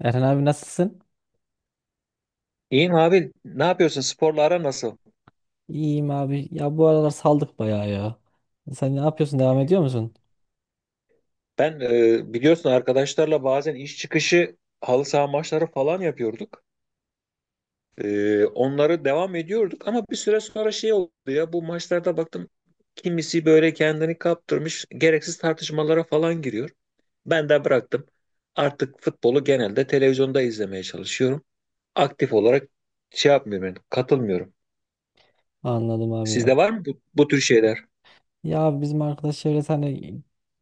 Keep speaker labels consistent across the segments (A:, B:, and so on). A: Erhan abi nasılsın?
B: İyiyim abi. Ne yapıyorsun? Sporla ara nasıl?
A: İyiyim abi. Ya bu aralar saldık bayağı ya. Sen ne yapıyorsun? Devam ediyor musun?
B: Ben biliyorsun arkadaşlarla bazen iş çıkışı halı saha maçları falan yapıyorduk. Onları devam ediyorduk ama bir süre sonra şey oldu ya, bu maçlarda baktım kimisi böyle kendini kaptırmış gereksiz tartışmalara falan giriyor. Ben de bıraktım. Artık futbolu genelde televizyonda izlemeye çalışıyorum. Aktif olarak şey yapmıyorum yani, katılmıyorum.
A: Anladım abi ya.
B: Sizde var mı bu tür şeyler?
A: Ya abi bizim arkadaş çevresi hani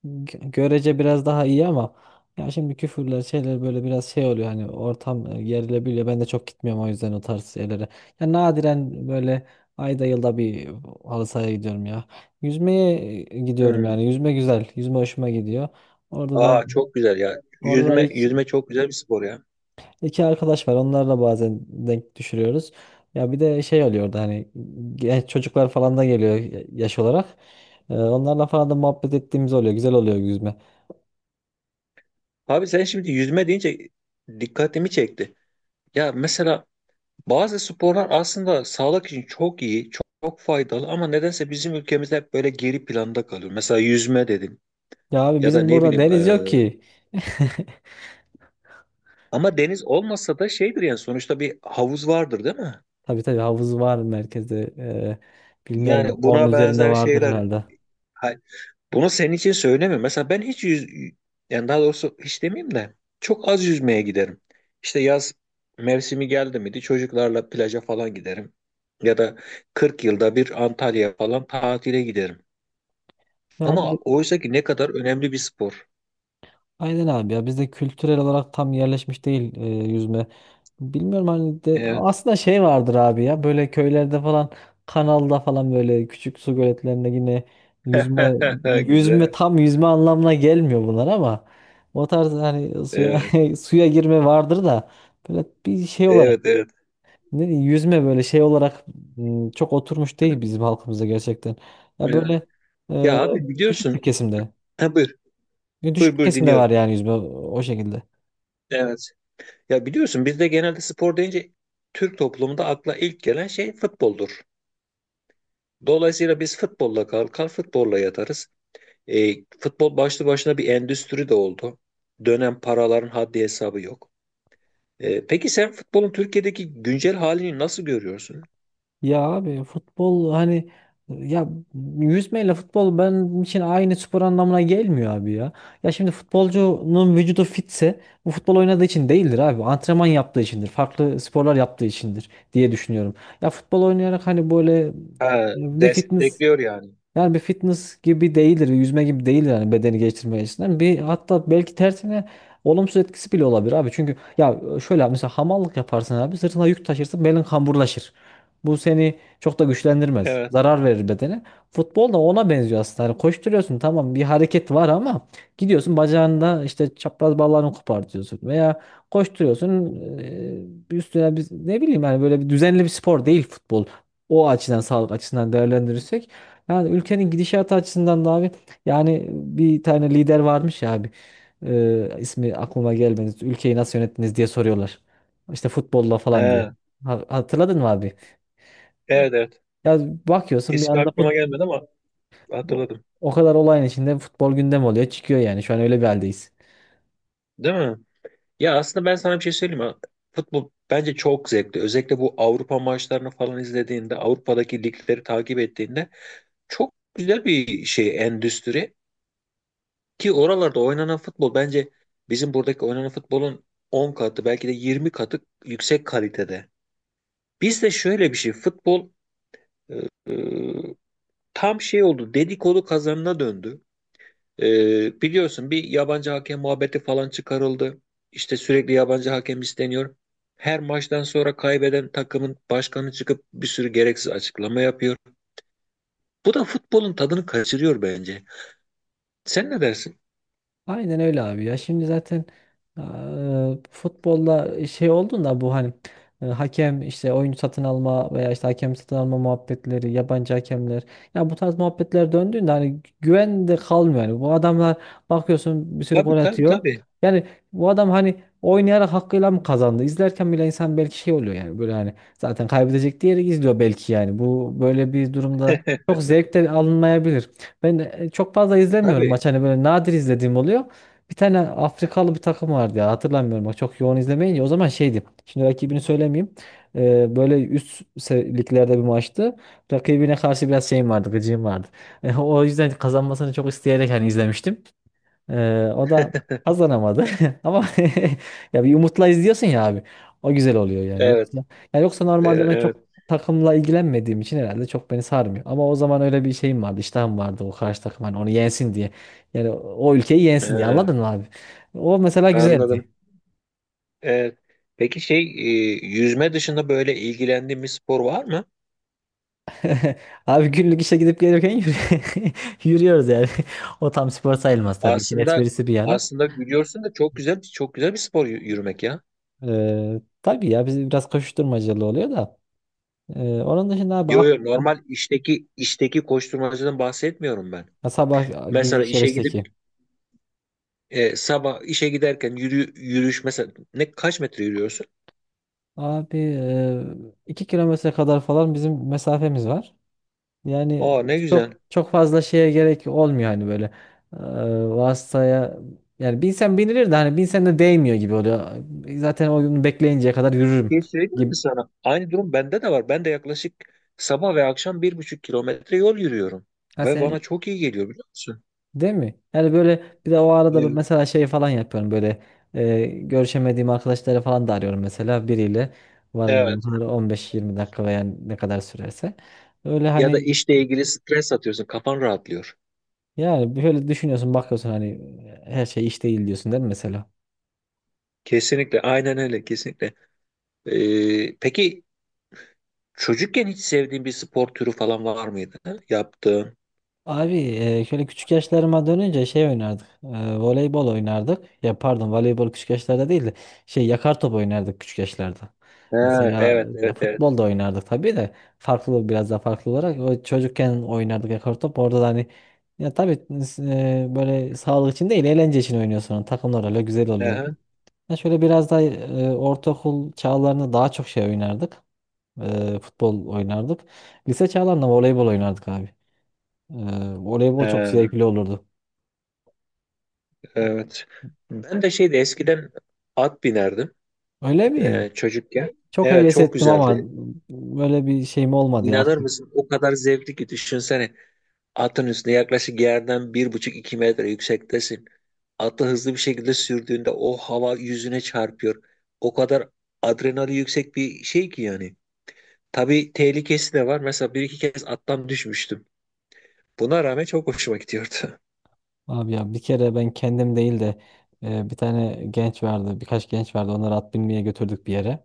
A: görece biraz daha iyi ama ya şimdi küfürler şeyler böyle biraz şey oluyor hani ortam gerilebiliyor. Ben de çok gitmiyorum o yüzden o tarz şeylere. Ya nadiren böyle ayda yılda bir halı sahaya gidiyorum ya. Yüzmeye gidiyorum
B: Hmm.
A: yani. Yüzme güzel. Yüzme hoşuma gidiyor. Orada da
B: Aa çok güzel ya.
A: Orada da
B: Yüzme
A: ilk
B: yüzme çok güzel bir spor ya.
A: İki arkadaş var. Onlarla bazen denk düşürüyoruz. Ya bir de şey oluyor da hani genç çocuklar falan da geliyor yaş olarak. Onlarla falan da muhabbet ettiğimiz oluyor. Güzel oluyor yüzme.
B: Abi sen şimdi yüzme deyince dikkatimi çekti. Ya mesela bazı sporlar aslında sağlık için çok iyi, çok, çok faydalı ama nedense bizim ülkemizde hep böyle geri planda kalıyor. Mesela yüzme dedim
A: Ya abi
B: ya da
A: bizim
B: ne
A: burada
B: bileyim
A: deniz yok ki.
B: ama deniz olmasa da şeydir yani, sonuçta bir havuz vardır değil mi?
A: Tabii, tabii, havuz var merkezde. Bilmiyorum
B: Yani
A: onun
B: buna
A: üzerinde
B: benzer
A: vardır
B: şeyler.
A: herhalde.
B: Ha, bunu senin için söylemiyorum. Mesela ben yani daha doğrusu hiç demeyeyim de çok az yüzmeye giderim. İşte yaz mevsimi geldi miydi çocuklarla plaja falan giderim. Ya da 40 yılda bir Antalya falan tatile giderim.
A: Ya abi
B: Ama oysa ki ne kadar önemli bir spor.
A: Aynen abi ya bizde kültürel olarak tam yerleşmiş değil yüzme. Bilmiyorum hani de
B: Evet.
A: aslında şey vardır abi ya böyle köylerde falan kanalda falan böyle küçük su göletlerinde yine yüzme yüzme
B: Güzel.
A: tam yüzme anlamına gelmiyor bunlar ama o tarz hani suya
B: Evet.
A: suya girme vardır da böyle bir şey olarak
B: Evet, evet.
A: ne diyeyim, yüzme böyle şey olarak çok oturmuş değil bizim halkımızda gerçekten. Ya
B: Evet.
A: böyle e,
B: Ya abi
A: düşük bir
B: biliyorsun.
A: kesimde.
B: Ha, buyur.
A: Düşük
B: Buyur
A: bir
B: buyur
A: kesim var
B: dinliyorum.
A: yani yüzme o şekilde.
B: Evet. Ya biliyorsun bizde genelde spor deyince, Türk toplumunda akla ilk gelen şey futboldur. Dolayısıyla biz futbolla kalkar, futbolla yatarız. Futbol başlı başına bir endüstri de oldu. Dönen paraların haddi hesabı yok. Peki sen futbolun Türkiye'deki güncel halini nasıl görüyorsun?
A: Ya abi futbol hani ya yüzmeyle futbol benim için aynı spor anlamına gelmiyor abi ya. Ya şimdi futbolcunun vücudu fitse bu futbol oynadığı için değildir abi. Antrenman yaptığı içindir. Farklı sporlar yaptığı içindir diye düşünüyorum. Ya futbol oynayarak hani böyle
B: Ha,
A: bir fitness
B: destekliyor yani.
A: Yani bir fitness gibi değildir, yüzme gibi değildir yani bedeni geliştirme açısından. Bir hatta belki tersine olumsuz etkisi bile olabilir abi. Çünkü ya şöyle abi, mesela hamallık yaparsın abi sırtına yük taşırsın belin kamburlaşır. Bu seni çok da güçlendirmez.
B: Evet.
A: Zarar verir bedene. Futbol da ona benziyor aslında. Hani koşturuyorsun tamam bir hareket var ama gidiyorsun bacağında işte çapraz bağlarını kopartıyorsun veya koşturuyorsun üstüne biz ne bileyim yani böyle bir düzenli bir spor değil futbol. O açıdan sağlık açısından değerlendirirsek yani ülkenin gidişatı açısından da abi yani bir tane lider varmış ya abi. İsmi aklıma gelmedi. Ülkeyi nasıl yönettiniz diye soruyorlar. İşte futbolla falan diye.
B: Ha,
A: Hatırladın mı abi?
B: evet evet.
A: Ya bakıyorsun bir
B: İsmi
A: anda
B: aklıma
A: fut,
B: gelmedi ama hatırladım.
A: o kadar olayın içinde futbol gündem oluyor. Çıkıyor yani. Şu an öyle bir haldeyiz.
B: Değil mi? Ya aslında ben sana bir şey söyleyeyim mi? Futbol bence çok zevkli. Özellikle bu Avrupa maçlarını falan izlediğinde, Avrupa'daki ligleri takip ettiğinde, çok güzel bir şey, endüstri. Ki oralarda oynanan futbol bence bizim buradaki oynanan futbolun 10 katı belki de 20 katı yüksek kalitede. Bizde şöyle bir şey futbol e, tam şey oldu, dedikodu kazanına döndü. Biliyorsun bir yabancı hakem muhabbeti falan çıkarıldı. İşte sürekli yabancı hakem isteniyor. Her maçtan sonra kaybeden takımın başkanı çıkıp bir sürü gereksiz açıklama yapıyor. Bu da futbolun tadını kaçırıyor bence. Sen ne dersin?
A: Aynen öyle abi ya. Şimdi zaten eee, futbolda şey olduğunda bu hani hakem işte oyuncu satın alma veya işte hakem satın alma muhabbetleri, yabancı hakemler. Ya bu tarz muhabbetler döndüğünde hani güven de kalmıyor. Yani bu adamlar, bakıyorsun, bir sürü gol
B: Tabii tabii
A: atıyor.
B: tabii.
A: Yani bu adam hani oynayarak hakkıyla mı kazandı? İzlerken bile insan belki şey oluyor yani böyle hani zaten kaybedecek diğeri izliyor belki yani. Bu böyle bir durumda çok zevk de alınmayabilir. Ben çok fazla izlemiyorum
B: Tabii.
A: maç hani böyle nadir izlediğim oluyor. Bir tane Afrikalı bir takım vardı ya hatırlamıyorum bak çok yoğun izlemeyince o zaman şeydi. Şimdi rakibini söylemeyeyim. E, böyle üst liglerde bir maçtı. Rakibine karşı biraz şeyim vardı gıcığım vardı. E, o yüzden kazanmasını çok isteyerek hani izlemiştim. O da kazanamadı ama ya bir umutla izliyorsun ya abi. O güzel oluyor yani.
B: Evet.
A: Yoksa, ya yoksa, normalde ben çok
B: Evet.
A: takımla ilgilenmediğim için herhalde çok beni sarmıyor. Ama o zaman öyle bir şeyim vardı, iştahım vardı o karşı takım hani onu yensin diye. Yani o ülkeyi yensin diye
B: Ee,
A: anladın mı abi? O mesela güzeldi.
B: Anladım. Ee, peki şey yüzme dışında böyle ilgilendiğin bir spor var mı?
A: Abi günlük işe gidip gelirken yürüyoruz yani. O tam spor sayılmaz tabii. İşin
B: Aslında
A: esprisi bir yana.
B: aslında gülüyorsun da çok güzel çok güzel bir spor yürümek ya.
A: Tabii ya bizim biraz koşuşturmacalı oluyor da. Onun dışında abi
B: Yo yo, normal işteki koşturmacadan bahsetmiyorum ben.
A: ha, sabah
B: Mesela
A: gidiş
B: işe gidip
A: yarıştaki.
B: sabah işe giderken yürüyüş mesela, ne kaç metre yürüyorsun?
A: Abi 2 km kadar falan bizim mesafemiz var. Yani
B: Aa ne güzel.
A: çok fazla şeye gerek olmuyor hani böyle e, vasıtaya yani binsen binilir de hani binsen de değmiyor gibi oluyor. Zaten o gün bekleyinceye kadar yürürüm
B: Bir şey söyleyeyim
A: gibi.
B: mi sana? Aynı durum bende de var. Ben de yaklaşık sabah ve akşam 1,5 kilometre yol yürüyorum.
A: Ha,
B: Ve bana
A: sen,
B: çok iyi geliyor biliyor musun?
A: değil mi? Yani böyle bir de o arada ben
B: Evet.
A: mesela şey falan yapıyorum böyle görüşemediğim arkadaşları falan da arıyorum mesela biriyle
B: Evet.
A: varınca 15-20 dakika veya ne kadar sürerse. Öyle
B: Ya da
A: hani
B: işle ilgili stres atıyorsun, kafan rahatlıyor.
A: yani böyle düşünüyorsun bakıyorsun hani her şey iş değil diyorsun değil mi mesela?
B: Kesinlikle, aynen öyle, kesinlikle. Peki çocukken hiç sevdiğin bir spor türü falan var mıydı? Ha? Yaptığın?
A: Abi şöyle küçük yaşlarıma dönünce şey oynardık. Voleybol oynardık. Ya pardon voleybol küçük yaşlarda değil de şey yakar top oynardık küçük yaşlarda.
B: Ha,
A: Mesela
B: evet,
A: ya
B: evet, evet.
A: futbol da oynardık tabii de biraz daha farklı olarak o çocukken oynardık yakar top. Orada da hani ya tabii böyle sağlık için değil eğlence için oynuyorsun. Takımlar öyle güzel oluyordu.
B: Aha.
A: Ya şöyle biraz daha ortaokul çağlarında daha çok şey oynardık. Futbol oynardık. Lise çağlarında voleybol oynardık abi. Ee, Voleybol çok
B: Ha,
A: zevkli olurdu.
B: evet. Ben de şeydi eskiden, at binerdim
A: Öyle mi?
B: çocukken.
A: Çok
B: Evet,
A: heves
B: çok
A: ettim ama
B: güzeldi.
A: böyle bir şeyim olmadı ya.
B: İnanır
A: Aktif-
B: mısın? O kadar zevkli ki düşünsene. Atın üstünde yaklaşık yerden bir buçuk iki metre yüksektesin. Atı hızlı bir şekilde sürdüğünde o hava yüzüne çarpıyor. O kadar adrenali yüksek bir şey ki yani. Tabii tehlikesi de var. Mesela bir iki kez attan düşmüştüm. Buna rağmen çok hoşuma gidiyordu.
A: abi ya bir kere ben kendim değil de bir tane genç vardı, birkaç genç vardı. Onları at binmeye götürdük bir yere.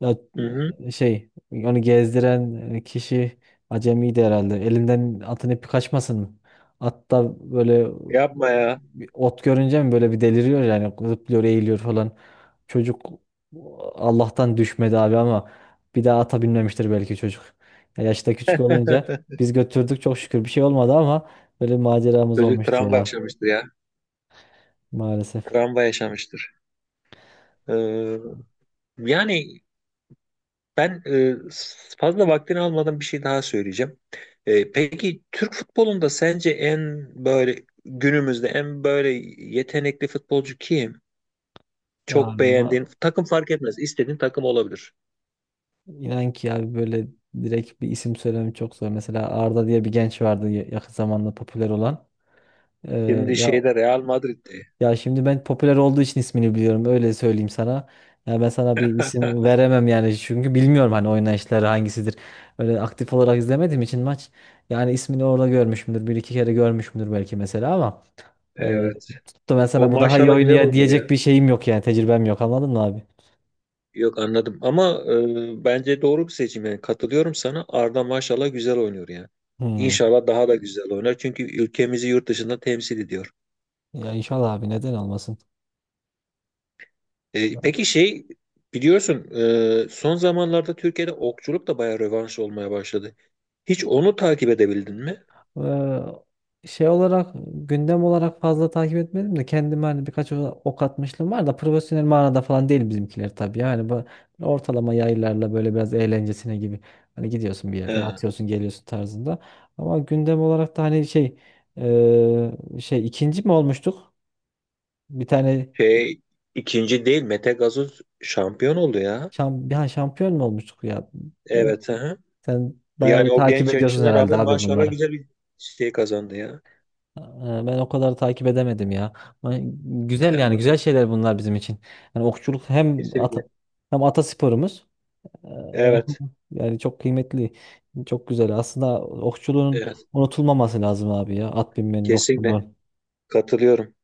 A: Ya
B: Hı hı.
A: şey onu gezdiren kişi acemiydi herhalde. Elinden atın ipi kaçmasın mı? At da böyle
B: Yapma ya.
A: bir ot görünce mi böyle bir deliriyor yani zıplıyor eğiliyor falan. Çocuk Allah'tan düşmedi abi ama bir daha ata binmemiştir belki çocuk. Ya yaşta küçük olunca biz götürdük çok şükür bir şey olmadı ama böyle maceramız
B: Çocuk
A: olmuştu
B: travma
A: ya
B: yaşamıştır ya.
A: maalesef.
B: Travma yaşamıştır. Ee, Yani ben fazla vaktini almadan bir şey daha söyleyeceğim. Peki Türk futbolunda sence en böyle günümüzde en böyle yetenekli futbolcu kim?
A: Ya
B: Çok beğendiğin takım fark etmez. İstediğin takım olabilir.
A: İnan ki abi böyle direkt bir isim söylemem çok zor. Mesela Arda diye bir genç vardı yakın zamanda popüler olan. Ee,
B: Şimdi
A: ya
B: şeyde, Real Madrid'de.
A: ya şimdi ben popüler olduğu için ismini biliyorum. Öyle söyleyeyim sana. Ya ben sana bir isim veremem yani çünkü bilmiyorum hani oynayışları hangisidir. Öyle aktif olarak izlemediğim için maç. Yani ismini orada görmüşümdür. Bir iki kere görmüşümdür belki mesela ama e,
B: Evet.
A: tutup da ben
B: O
A: sana bu daha iyi
B: maşallah güzel
A: oynuyor
B: oynuyor
A: diyecek
B: ya.
A: bir şeyim yok yani tecrübem yok anladın mı abi?
B: Yok anladım ama bence doğru bir seçim, yani katılıyorum sana. Arda maşallah güzel oynuyor yani.
A: Hmm.
B: İnşallah daha da güzel oynar çünkü ülkemizi yurt dışında temsil ediyor.
A: Ya inşallah abi neden olmasın?
B: Peki şey, biliyorsun son zamanlarda Türkiye'de okçuluk da bayağı rövanş olmaya başladı. Hiç onu takip edebildin mi?
A: Ee, Şey olarak gündem olarak fazla takip etmedim de kendime hani birkaç ok atmışlığım var da profesyonel manada falan değil bizimkiler tabii. Yani bu ortalama yaylarla böyle biraz eğlencesine gibi hani gidiyorsun bir yerde
B: He.
A: atıyorsun geliyorsun tarzında. Ama gündem olarak da hani şey 2. mi olmuştuk? Bir tane
B: Şey, ikinci değil, Mete Gazoz şampiyon oldu ya.
A: bir an şampiyon mu olmuştuk ya? Ben,
B: Evet. Hı hı.
A: sen bayağı
B: Yani
A: iyi
B: o
A: takip
B: genç
A: ediyorsun
B: yaşına
A: herhalde
B: rağmen
A: abi
B: maşallah
A: bunları.
B: güzel bir şey kazandı ya.
A: Ee, Ben o kadar takip edemedim ya. Ama güzel yani güzel
B: Anladım.
A: şeyler bunlar bizim için. Yani
B: Kesinlikle.
A: hem atasporumuz. Ee,
B: Evet.
A: Yani çok kıymetli, çok güzel. Aslında okçuluğun
B: Evet.
A: unutulmaması lazım abi ya. At binmenin
B: Kesinlikle.
A: okçuluğu.
B: Katılıyorum.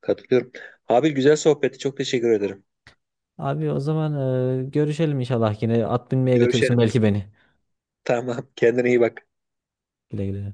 B: Katılıyorum. Abi güzel sohbetti. Çok teşekkür ederim.
A: Abi o zaman görüşelim inşallah yine. At binmeye götürürsün
B: Görüşelim.
A: belki beni.
B: Tamam. Kendine iyi bak.
A: Güle güle.